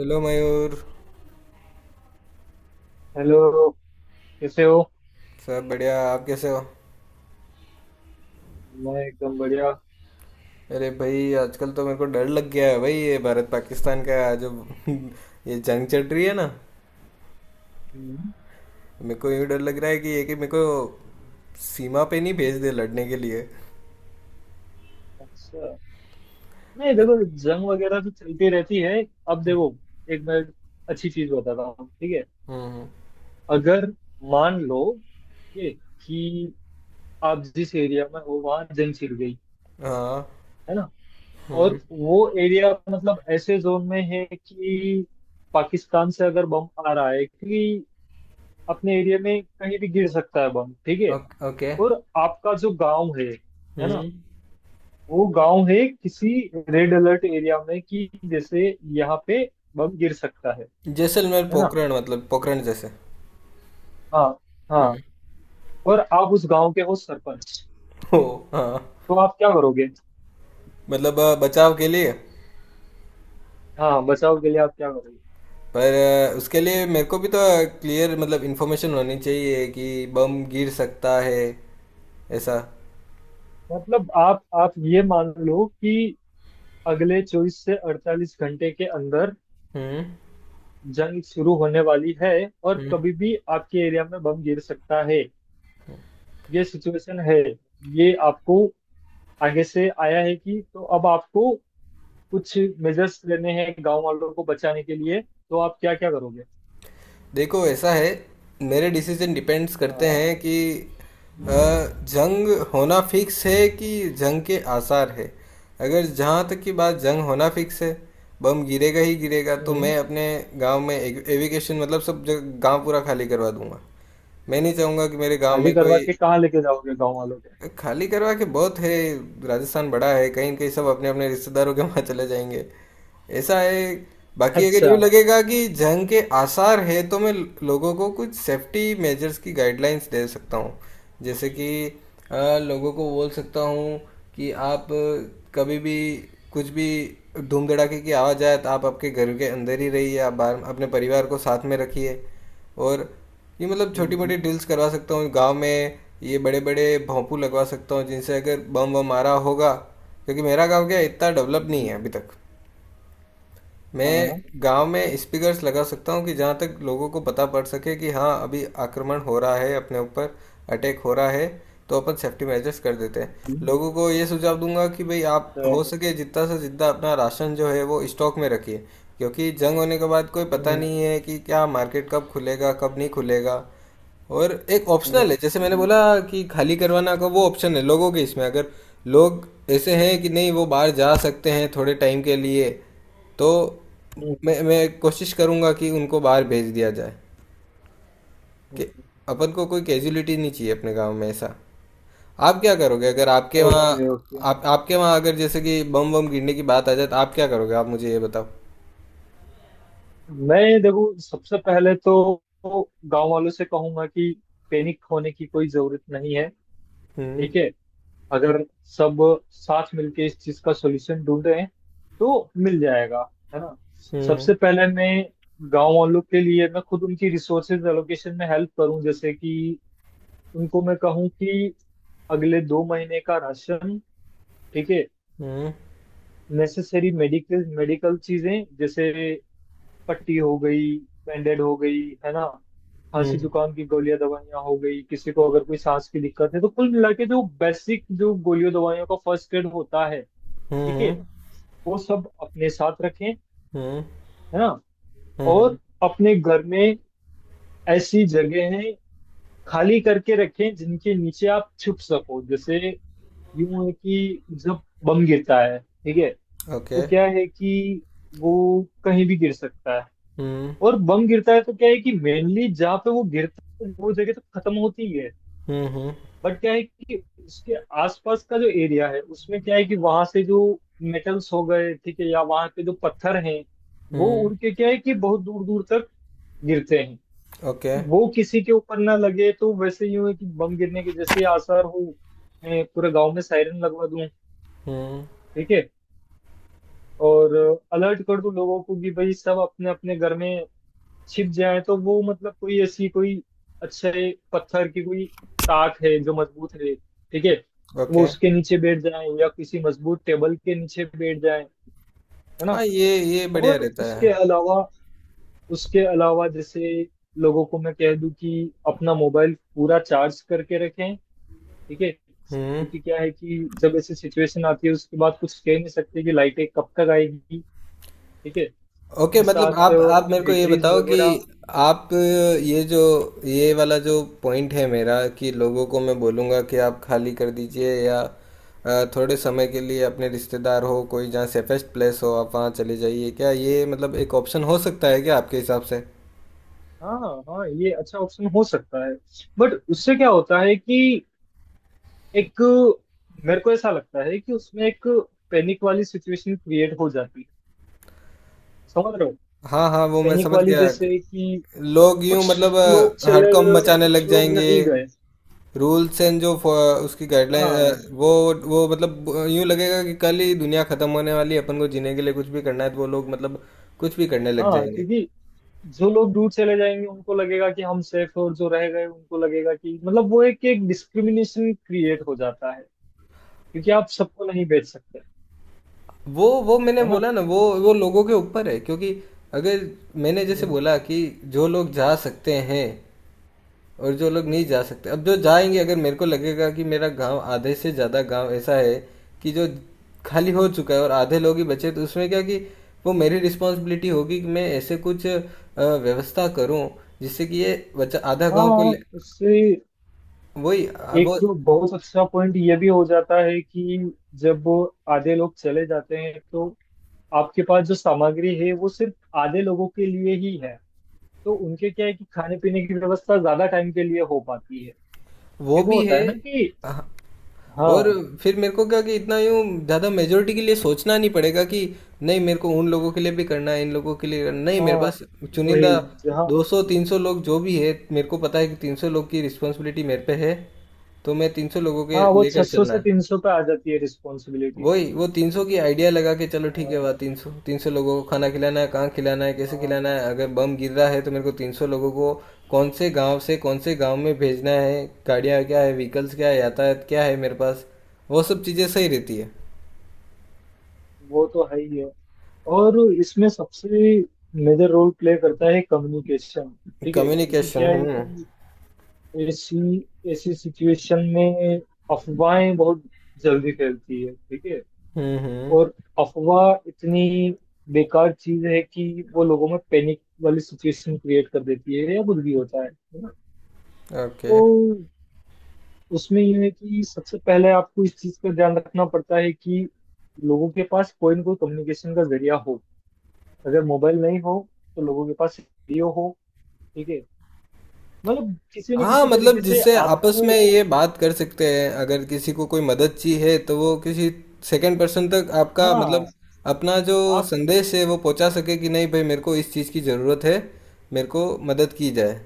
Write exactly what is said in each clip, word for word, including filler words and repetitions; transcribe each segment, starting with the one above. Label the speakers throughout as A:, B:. A: Hello Mayur.
B: Hello. कैसे हो?
A: सब बढ़िया। आप कैसे हो?
B: मैं एकदम बढ़िया।
A: अरे भाई, आजकल तो मेरे को डर लग गया है भाई। ये भारत पाकिस्तान का जो ये जंग चल रही है ना।
B: हम्म।
A: मेरे को यूँ डर लग रहा है कि ये कि मेरे को सीमा पे नहीं भेज दे लड़ने के लिए।
B: अच्छा, नहीं देखो, जंग वगैरह तो चलती रहती है। अब देखो, एक मैं अच्छी चीज बताता हूँ, ठीक है?
A: हम्म।
B: अगर मान लो, ठीक है, कि आप जिस एरिया में हो वहाँ जंग छिड़ गई,
A: हाँ।
B: है ना? और
A: हम्म।
B: वो एरिया मतलब ऐसे जोन में है कि पाकिस्तान से अगर बम आ रहा है, कि अपने एरिया में कहीं भी गिर सकता है बम, ठीक है?
A: Okay- okay.
B: और आपका जो गांव है है ना,
A: हम्म।
B: वो गांव है किसी रेड अलर्ट एरिया में, कि जैसे यहाँ पे बम गिर सकता है
A: जैसलमेर
B: है ना।
A: पोखरण, मतलब पोखरण जैसे।
B: हाँ हाँ।
A: हम्म।
B: और आप उस गांव के हो सरपंच,
A: ओ, हाँ।
B: तो आप क्या करोगे?
A: मतलब अ, बचाव के लिए।
B: हाँ, बचाव के लिए आप क्या करोगे?
A: पर अ, उसके लिए मेरे को भी तो क्लियर मतलब इन्फॉर्मेशन होनी चाहिए कि बम गिर सकता है ऐसा।
B: मतलब आप आप ये मान लो कि अगले चौबीस से अड़तालीस घंटे के अंदर
A: हम्म।
B: जंग शुरू होने वाली है, और
A: हम्म।
B: कभी भी आपके एरिया में बम गिर सकता है। ये सिचुएशन है, ये आपको आगे से आया है, कि तो अब आपको कुछ मेजर्स लेने हैं गांव वालों को बचाने के लिए, तो आप क्या क्या करोगे?
A: देखो, ऐसा है। मेरे डिसीजन डिपेंड्स करते
B: हाँ।
A: हैं कि अ, जंग होना फिक्स है कि जंग के आसार है। अगर जहाँ तक की बात जंग होना फिक्स है, बम गिरेगा ही गिरेगा, तो
B: हम्म।
A: मैं अपने गांव में एविकेशन मतलब सब जगह गांव पूरा खाली करवा दूंगा। मैं नहीं चाहूँगा कि मेरे गांव
B: खाली
A: में
B: करवा
A: कोई
B: के कहाँ लेके जाओगे गांव वालों को?
A: खाली करवा के बहुत है। राजस्थान बड़ा है, कहीं न कहीं सब अपने अपने रिश्तेदारों के वहाँ चले जाएंगे। ऐसा है। बाकी अगर यूँ
B: अच्छा।
A: लगेगा कि जंग के आसार है तो मैं लोगों को कुछ सेफ्टी मेजर्स की गाइडलाइंस दे सकता हूँ। जैसे कि अ, लोगों को बोल सकता हूँ कि आप कभी भी कुछ भी धूम धड़ाके की आवाज़ आए तो आप आपके घर के अंदर ही रहिए, आप बाहर अपने परिवार को साथ में रखिए। और ये मतलब छोटी
B: हम्म।
A: मोटी ड्रिल्स करवा सकता हूँ गांव में, ये बड़े बड़े भोंपू लगवा सकता हूँ जिनसे अगर बम वम मारा होगा। क्योंकि मेरा गांव क्या है, इतना डेवलप नहीं
B: हम्म।
A: है अभी तक। मैं
B: हाँ।
A: गांव में स्पीकर्स लगा सकता हूँ कि जहाँ तक लोगों को पता पड़ सके कि हाँ अभी आक्रमण हो रहा है अपने ऊपर, अटैक हो रहा है, तो अपन सेफ्टी मेजर्स कर देते हैं।
B: हम्म।
A: लोगों को ये सुझाव दूंगा कि भाई आप हो
B: तो-
A: सके जितना से जितना अपना राशन जो है वो स्टॉक में रखिए, क्योंकि जंग होने के बाद कोई पता
B: हम्म।
A: नहीं है कि क्या मार्केट कब खुलेगा कब नहीं खुलेगा। और एक
B: हम्म।
A: ऑप्शनल है, जैसे मैंने
B: हम्म।
A: बोला कि खाली करवाना का, वो ऑप्शन है लोगों के। इसमें अगर लोग ऐसे हैं कि नहीं वो बाहर जा सकते हैं थोड़े टाइम के लिए, तो
B: हम्म।
A: मैं मैं कोशिश करूँगा कि उनको बाहर भेज दिया जाए, कि
B: हम्म।
A: अपन को कोई कैजुअलिटी नहीं चाहिए अपने गांव में ऐसा। आप क्या करोगे अगर आपके वहाँ
B: ओके ओके।
A: आप आपके वहाँ अगर जैसे कि बम बम गिरने की बात आ जाए तो आप क्या करोगे? आप मुझे ये बताओ।
B: मैं देखो सबसे पहले तो गांव वालों से कहूंगा कि पैनिक होने की कोई जरूरत नहीं है,
A: हम्म।
B: ठीक है? अगर सब साथ मिलके इस चीज का सॉल्यूशन ढूंढे तो मिल जाएगा, है ना?
A: हम्म।
B: सबसे पहले मैं गांव वालों के लिए मैं खुद उनकी रिसोर्सेज एलोकेशन में हेल्प करूं, जैसे कि उनको मैं कहूं कि अगले दो महीने का राशन, ठीक है,
A: हम्म।
B: नेसेसरी मेडिकल मेडिकल चीजें, जैसे पट्टी हो गई, बैंडेड हो गई, है ना? खांसी
A: हम्म।
B: जुकाम की गोलियां दवाइयां हो गई, किसी को अगर कोई सांस की दिक्कत है, तो कुल मिला के जो बेसिक जो गोलियों दवाइयों का फर्स्ट एड होता है, ठीक है,
A: हम्म।
B: वो सब अपने साथ रखें, है
A: हम्म।
B: ना?
A: हम्म।
B: और अपने घर में ऐसी जगह है खाली करके रखें जिनके नीचे आप छुप सको। जैसे यूं है कि जब बम गिरता है, ठीक है,
A: ओके।
B: तो क्या है कि वो कहीं भी गिर सकता है।
A: हम्म।
B: और बम गिरता है तो क्या है कि मेनली जहाँ पे वो गिरता है, वो जगह तो खत्म होती है।
A: हम्म।
B: बट क्या है कि उसके आसपास का जो एरिया है, उसमें क्या है कि वहां से जो मेटल्स हो गए, ठीक है, या वहां पे जो पत्थर हैं, वो
A: हम्म।
B: उड़ के क्या है कि बहुत दूर दूर तक गिरते हैं।
A: ओके।
B: तो वो किसी के ऊपर ना लगे, तो वैसे ही हो कि बम गिरने के जैसे आसार हो, मैं पूरे गांव में सायरन लगवा दूं,
A: हम्म।
B: ठीक है, और अलर्ट कर दूं लोगों को कि भाई सब अपने अपने घर में छिप जाए। तो वो मतलब कोई ऐसी कोई अच्छे पत्थर की कोई ताक है जो मजबूत है, ठीक है, वो
A: ओके।
B: उसके नीचे बैठ जाए या किसी मजबूत टेबल के नीचे बैठ जाए, है ना?
A: हाँ, ये ये बढ़िया
B: और
A: रहता
B: उसके
A: है।
B: अलावा, उसके अलावा जैसे लोगों को मैं कह दूं कि अपना मोबाइल पूरा चार्ज करके रखें, ठीक है,
A: हम्म।
B: क्योंकि क्या है कि जब ऐसी सिचुएशन आती है उसके बाद कुछ कह नहीं सकते कि लाइटें कब तक आएगी, ठीक है,
A: ओके,
B: अपने
A: मतलब
B: साथ
A: आप आप मेरे को ये
B: बैटरीज
A: बताओ कि
B: वगैरह।
A: आप ये जो ये वाला जो पॉइंट है मेरा, कि लोगों को मैं बोलूँगा कि आप खाली कर दीजिए, या अ, थोड़े समय के लिए अपने रिश्तेदार हो कोई जहाँ सेफेस्ट प्लेस हो आप वहाँ चले जाइए, क्या ये मतलब एक ऑप्शन हो सकता है क्या आपके हिसाब से?
B: हाँ हाँ हाँ, ये अच्छा ऑप्शन हो सकता है। बट उससे क्या होता है कि एक, मेरे को ऐसा लगता है कि उसमें एक पैनिक वाली सिचुएशन क्रिएट हो जाती है, समझ रहे हो?
A: हाँ हाँ, वो मैं
B: पैनिक
A: समझ
B: वाली
A: गया कि
B: जैसे कि
A: लोग यूं
B: कुछ
A: मतलब
B: लोग
A: अ,
B: चले
A: हड़कंप
B: गए और
A: मचाने लग
B: कुछ लोग
A: जाएंगे।
B: नहीं गए।
A: रूल्स एंड जो फ- उसकी
B: हाँ
A: गाइडलाइन, वो वो मतलब यूं लगेगा कि कल ही दुनिया खत्म होने वाली है, अपन को जीने के लिए कुछ भी करना है तो वो लोग मतलब कुछ भी करने लग
B: हाँ।
A: जाएंगे।
B: क्योंकि जो लोग दूर चले जाएंगे उनको लगेगा कि हम सेफ हैं, और जो रह गए उनको लगेगा कि मतलब वो, एक एक डिस्क्रिमिनेशन क्रिएट हो जाता है, क्योंकि आप सबको नहीं बेच सकते,
A: वो वो मैंने
B: है ना?
A: बोला ना, वो वो लोगों के ऊपर है, क्योंकि अगर मैंने जैसे
B: हम्म।
A: बोला कि जो लोग जा सकते हैं और जो लोग
B: हम्म।
A: नहीं जा सकते, अब जो जाएंगे, अगर मेरे को लगेगा कि मेरा गांव आधे से ज़्यादा गांव ऐसा है कि जो खाली हो चुका है और आधे लोग ही बचे, तो उसमें क्या कि वो मेरी रिस्पॉन्सिबिलिटी होगी कि मैं ऐसे कुछ अ, व्यवस्था करूं जिससे कि ये बच्चा आधा गांव को
B: हाँ,
A: ले।
B: उससे
A: वही अ,
B: एक
A: वो
B: तो बहुत अच्छा पॉइंट ये भी हो जाता है कि जब वो आधे लोग चले जाते हैं तो आपके पास जो सामग्री है वो सिर्फ आधे लोगों के लिए ही है, तो उनके क्या है कि खाने पीने की व्यवस्था ज्यादा टाइम के लिए हो पाती है,
A: वो
B: एक वो
A: भी
B: होता है
A: है।
B: ना कि।
A: और
B: हाँ
A: फिर मेरे को क्या कि इतना यूँ ज़्यादा मेजोरिटी के लिए सोचना नहीं पड़ेगा कि नहीं मेरे को उन लोगों के लिए भी करना है इन लोगों के लिए करना, नहीं मेरे
B: हाँ।
A: पास चुनिंदा
B: वही जहाँ।
A: दो सौ तीन सौ लोग जो भी है, मेरे को पता है कि तीन सौ लोग की रिस्पॉन्सिबिलिटी मेरे पे है तो मैं तीन सौ लोगों के
B: हाँ, वो छह
A: लेकर
B: सौ
A: चलना
B: से
A: है।
B: तीन सौ पे आ जाती है रिस्पॉन्सिबिलिटी।
A: वही वो तीन सौ की आइडिया लगा के चलो ठीक है।
B: हाँ
A: वाह, तीन सौ तीन सौ लोगों को खाना खिलाना है, कहाँ खिलाना है, कैसे
B: हाँ,
A: खिलाना है। अगर बम गिर रहा है तो मेरे को तीन सौ लोगों को कौन से गांव से कौन से गांव में भेजना है, गाड़ियाँ क्या है, व्हीकल्स क्या है, यातायात क्या है मेरे पास। वो सब चीज़ें सही रहती है।
B: वो तो है ही है। और इसमें सबसे मेजर रोल प्ले करता है कम्युनिकेशन, ठीक है, क्योंकि
A: कम्युनिकेशन।
B: क्या है
A: हम्म।
B: कि ऐसी ऐसी सिचुएशन में अफवाहें बहुत जल्दी फैलती है, ठीक है,
A: हम्म। हम्म।
B: और अफवाह इतनी बेकार चीज है कि वो लोगों में पैनिक वाली सिचुएशन क्रिएट कर देती है, या कुछ भी होता है है ना?
A: ओके।
B: तो उसमें यह है कि सबसे पहले आपको इस चीज पर ध्यान रखना पड़ता है कि लोगों के पास कोई ना कोई कम्युनिकेशन का जरिया हो। अगर मोबाइल नहीं हो, तो लोगों के पास रेडियो हो, ठीक है, मतलब किसी न
A: हाँ,
B: किसी
A: मतलब
B: तरीके से
A: जिससे आपस
B: आपको।
A: में ये बात कर सकते हैं, अगर किसी को कोई मदद चाहिए तो वो किसी सेकंड पर्सन तक आपका
B: हाँ।
A: मतलब अपना जो संदेश है वो पहुंचा सके, कि नहीं भाई मेरे को इस चीज़ की ज़रूरत है, मेरे को मदद की जाए।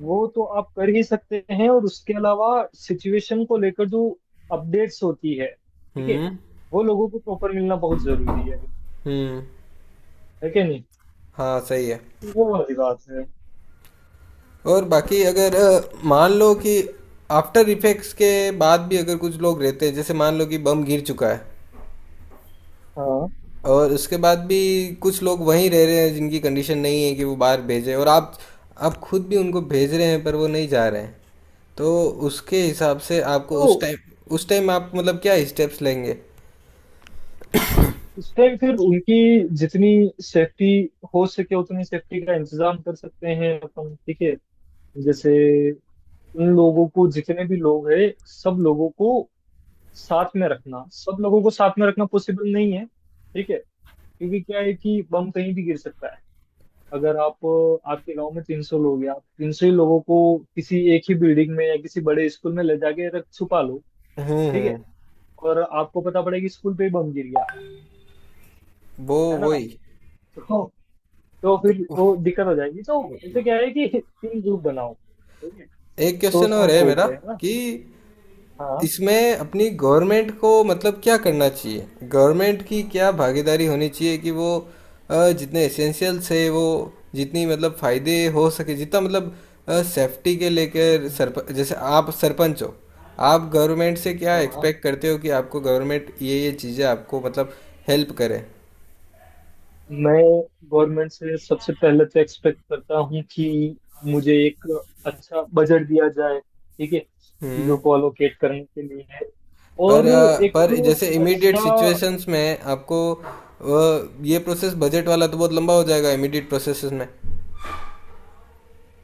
B: वो तो आप कर ही सकते हैं, और उसके अलावा सिचुएशन को लेकर जो अपडेट्स होती है, ठीक है,
A: हम्म।
B: वो लोगों को प्रॉपर मिलना बहुत जरूरी है
A: हम्म।
B: है कि नहीं?
A: हाँ सही है।
B: वो वाली बात है।
A: और बाकी अगर अ, मान लो कि आफ्टर इफेक्ट्स के बाद भी अगर कुछ लोग रहते हैं, जैसे मान लो कि बम गिर चुका है
B: हाँ,
A: और उसके बाद भी कुछ लोग वहीं रह रहे हैं जिनकी कंडीशन नहीं है कि वो बाहर भेजें, और आप आप खुद भी उनको भेज रहे हैं पर वो नहीं जा रहे हैं, तो उसके हिसाब से आपको
B: तो
A: उस टाइम उस टाइम आप मतलब क्या स्टेप्स लेंगे?
B: उस टाइम फिर उनकी जितनी सेफ्टी हो सके उतनी सेफ्टी का इंतजाम कर सकते हैं अपन, ठीक है, जैसे उन लोगों को जितने भी लोग हैं सब लोगों को साथ में रखना, सब लोगों को साथ में रखना पॉसिबल नहीं है, ठीक है, क्योंकि क्या है कि बम कहीं भी गिर सकता है। अगर आप आपके गांव में तीन सौ लोग हैं, आप तीन सौ ही लोगों को किसी एक ही बिल्डिंग में या किसी बड़े स्कूल में ले जाके रख छुपा लो,
A: हम्म।
B: ठीक है,
A: हम्म।
B: और आपको पता पड़ेगा कि स्कूल पे ही बम गिर गया,
A: वो
B: है ना?
A: वही।
B: तो, तो फिर वो दिक्कत हो जाएगी, तो इससे क्या है कि तीन ग्रुप बनाओ, ठीक है,
A: एक
B: सौ
A: क्वेश्चन और
B: सौ
A: है
B: सौ
A: मेरा,
B: के, है ना?
A: कि
B: हाँ।
A: इसमें अपनी गवर्नमेंट को मतलब क्या करना चाहिए, गवर्नमेंट की क्या भागीदारी होनी चाहिए कि वो अ, जितने एसेंशियल्स है वो जितनी मतलब फायदे हो सके जितना मतलब सेफ्टी के लेकर
B: हम्म।
A: सरप, जैसे आप सरपंच हो, आप गवर्नमेंट से क्या
B: हाँ,
A: एक्सपेक्ट करते हो कि आपको गवर्नमेंट ये ये चीज़ें आपको मतलब हेल्प करे?
B: मैं गवर्नमेंट से सबसे पहले तो एक्सपेक्ट करता हूँ कि मुझे एक अच्छा बजट दिया जाए, ठीक है, चीजों
A: हम्म।
B: को अलोकेट करने के लिए,
A: पर
B: और
A: अ,
B: एक
A: पर जैसे इमीडिएट
B: अच्छा,
A: सिचुएशंस में आपको अ, ये प्रोसेस बजट वाला तो बहुत लंबा हो जाएगा इमीडिएट प्रोसेसेस में।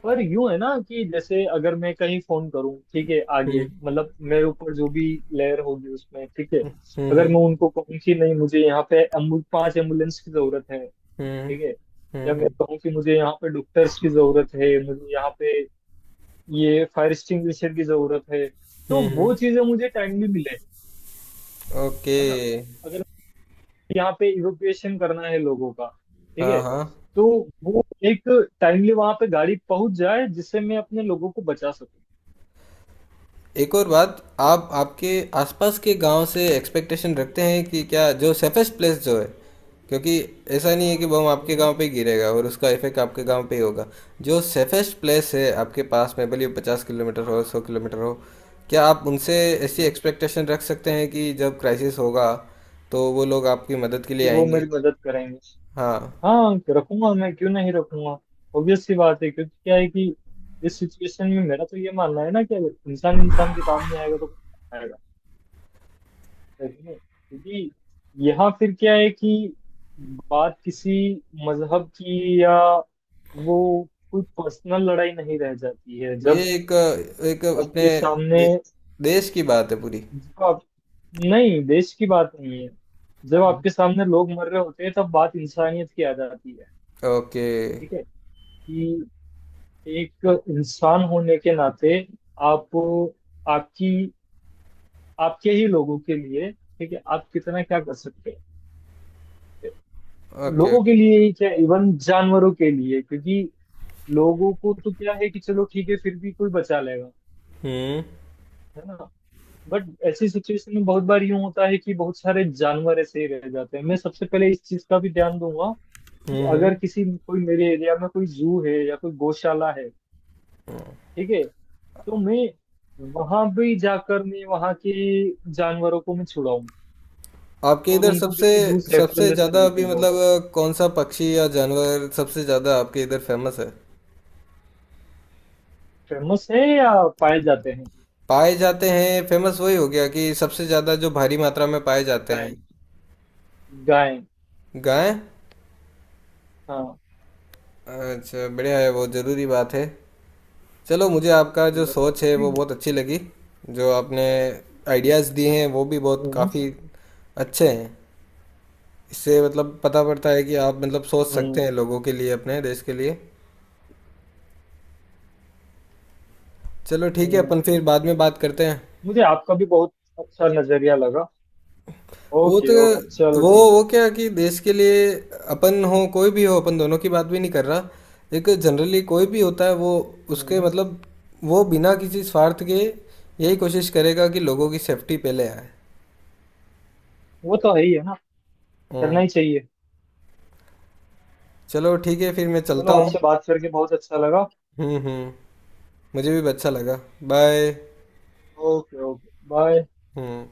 B: पर यूं है ना कि जैसे अगर मैं कहीं फोन करूँ, ठीक है, आगे
A: हम्म।
B: मतलब मेरे ऊपर जो भी लेयर होगी उसमें, ठीक है,
A: हम्म।
B: अगर
A: हम्म।
B: मैं उनको कहूँ कि नहीं मुझे यहाँ पे एम्बु, पांच एम्बुलेंस की जरूरत है,
A: हम्म।
B: ठीक है, या
A: हम्म।
B: मैं
A: हम्म।
B: कहूँ कि मुझे यहाँ पे डॉक्टर्स की जरूरत है, मुझे यहाँ पे ये फायर एक्सटिंग्विशर की जरूरत है, तो
A: हम्म, हम्म,
B: वो चीजें मुझे टाइमली मिले,
A: ओके।
B: है ना? अगर यहाँ पे इवोक्यूएशन करना है लोगों का, ठीक
A: हाँ
B: है,
A: हाँ।
B: तो वो एक टाइमली वहां पे गाड़ी पहुंच जाए जिससे मैं अपने लोगों को बचा सकूं।
A: एक और बात, आप आपके आसपास के गांव से एक्सपेक्टेशन रखते हैं कि क्या, जो सेफेस्ट प्लेस जो है, क्योंकि ऐसा नहीं है कि बम आपके
B: हम्म।
A: गांव पे ही गिरेगा और उसका इफेक्ट आपके गांव पे ही होगा। जो सेफेस्ट प्लेस है
B: हम्म।
A: आपके पास में, भले पचास किलोमीटर हो सौ किलोमीटर हो, क्या आप उनसे ऐसी
B: हम्म।
A: एक्सपेक्टेशन रख सकते हैं कि जब क्राइसिस होगा तो वो लोग आपकी मदद के
B: कि
A: लिए
B: वो
A: आएंगे?
B: मेरी मदद करेंगे।
A: हाँ,
B: हाँ, रखूंगा, मैं क्यों नहीं रखूंगा? ऑब्वियस सी बात है, क्योंकि क्या है कि इस सिचुएशन में मेरा तो ये मानना है ना कि अगर इंसान इंसान के काम नहीं आएगा तो कौन आएगा? नहीं, क्योंकि यहाँ फिर क्या है कि बात किसी मजहब की, या वो कोई पर्सनल लड़ाई नहीं रह जाती है।
A: ये
B: जब
A: एक एक अपने
B: आपके सामने
A: दे, देश की बात है पूरी।
B: जब आप नहीं, देश की बात नहीं है। जब
A: हम्म।
B: आपके सामने लोग मर रहे होते हैं तब बात इंसानियत की आ जाती है,
A: ओके।
B: ठीक है, कि एक इंसान होने के नाते आप, आपकी, आपके ही लोगों के लिए, ठीक है, आप कितना क्या कर सकते हैं।
A: ओके।
B: लोगों के
A: ओके।
B: लिए ही क्या, इवन जानवरों के लिए, क्योंकि लोगों को तो क्या है कि चलो ठीक है फिर भी कोई बचा लेगा,
A: हम्म।
B: है ना? बट ऐसी सिचुएशन में बहुत बार यूं होता है कि बहुत सारे जानवर ऐसे ही रह जाते हैं, मैं सबसे पहले इस चीज का भी ध्यान दूंगा कि
A: हम्म।
B: अगर
A: हम्म।
B: किसी कोई मेरे एरिया में कोई जू है या कोई गौशाला है, ठीक है, तो मैं वहां भी जाकर मैं वहां के जानवरों को मैं छुड़ाऊं
A: आपके
B: और
A: इधर
B: उनको
A: सबसे
B: किसी दूर सेफ्टी
A: सबसे
B: लिस्ट पे
A: ज्यादा अभी
B: लेके जाऊं।
A: मतलब कौन सा पक्षी या जानवर सबसे ज्यादा आपके इधर फेमस है,
B: फेमस है, या पाए जाते हैं?
A: पाए जाते हैं? फेमस वही हो गया कि सबसे ज्यादा जो भारी मात्रा में पाए जाते हैं।
B: गाय। गाय।
A: गाय।
B: हाँ,
A: अच्छा, बढ़िया है, वो जरूरी बात है। चलो, मुझे आपका जो सोच है वो
B: ठीक है।
A: बहुत अच्छी लगी। जो आपने आइडियाज़ दिए हैं वो भी बहुत
B: हम्म।
A: काफ़ी अच्छे हैं। इससे मतलब पता पड़ता है कि आप मतलब सोच
B: हम्म।
A: सकते हैं लोगों के लिए, अपने देश के लिए। चलो ठीक है,
B: हम्म।
A: अपन फिर बाद में बात करते हैं।
B: मुझे आपका भी बहुत अच्छा नजरिया लगा।
A: वो
B: ओके
A: तो
B: ओके चलो
A: वो
B: ठीक
A: वो
B: है।
A: क्या कि देश के लिए अपन हो कोई भी हो, अपन दोनों की बात भी नहीं कर रहा। एक जनरली कोई भी होता है, वो उसके
B: हम्म।
A: मतलब वो बिना किसी स्वार्थ के यही कोशिश करेगा कि लोगों की सेफ्टी पहले आए।
B: वो तो है ही है ना, करना
A: हम्म।
B: ही चाहिए।
A: चलो ठीक है, फिर मैं
B: चलो
A: चलता हूँ।
B: आपसे बात करके बहुत अच्छा लगा।
A: हम्म। हम्म। मुझे भी अच्छा लगा। बाय।
B: Okay okay bye.
A: हम्म।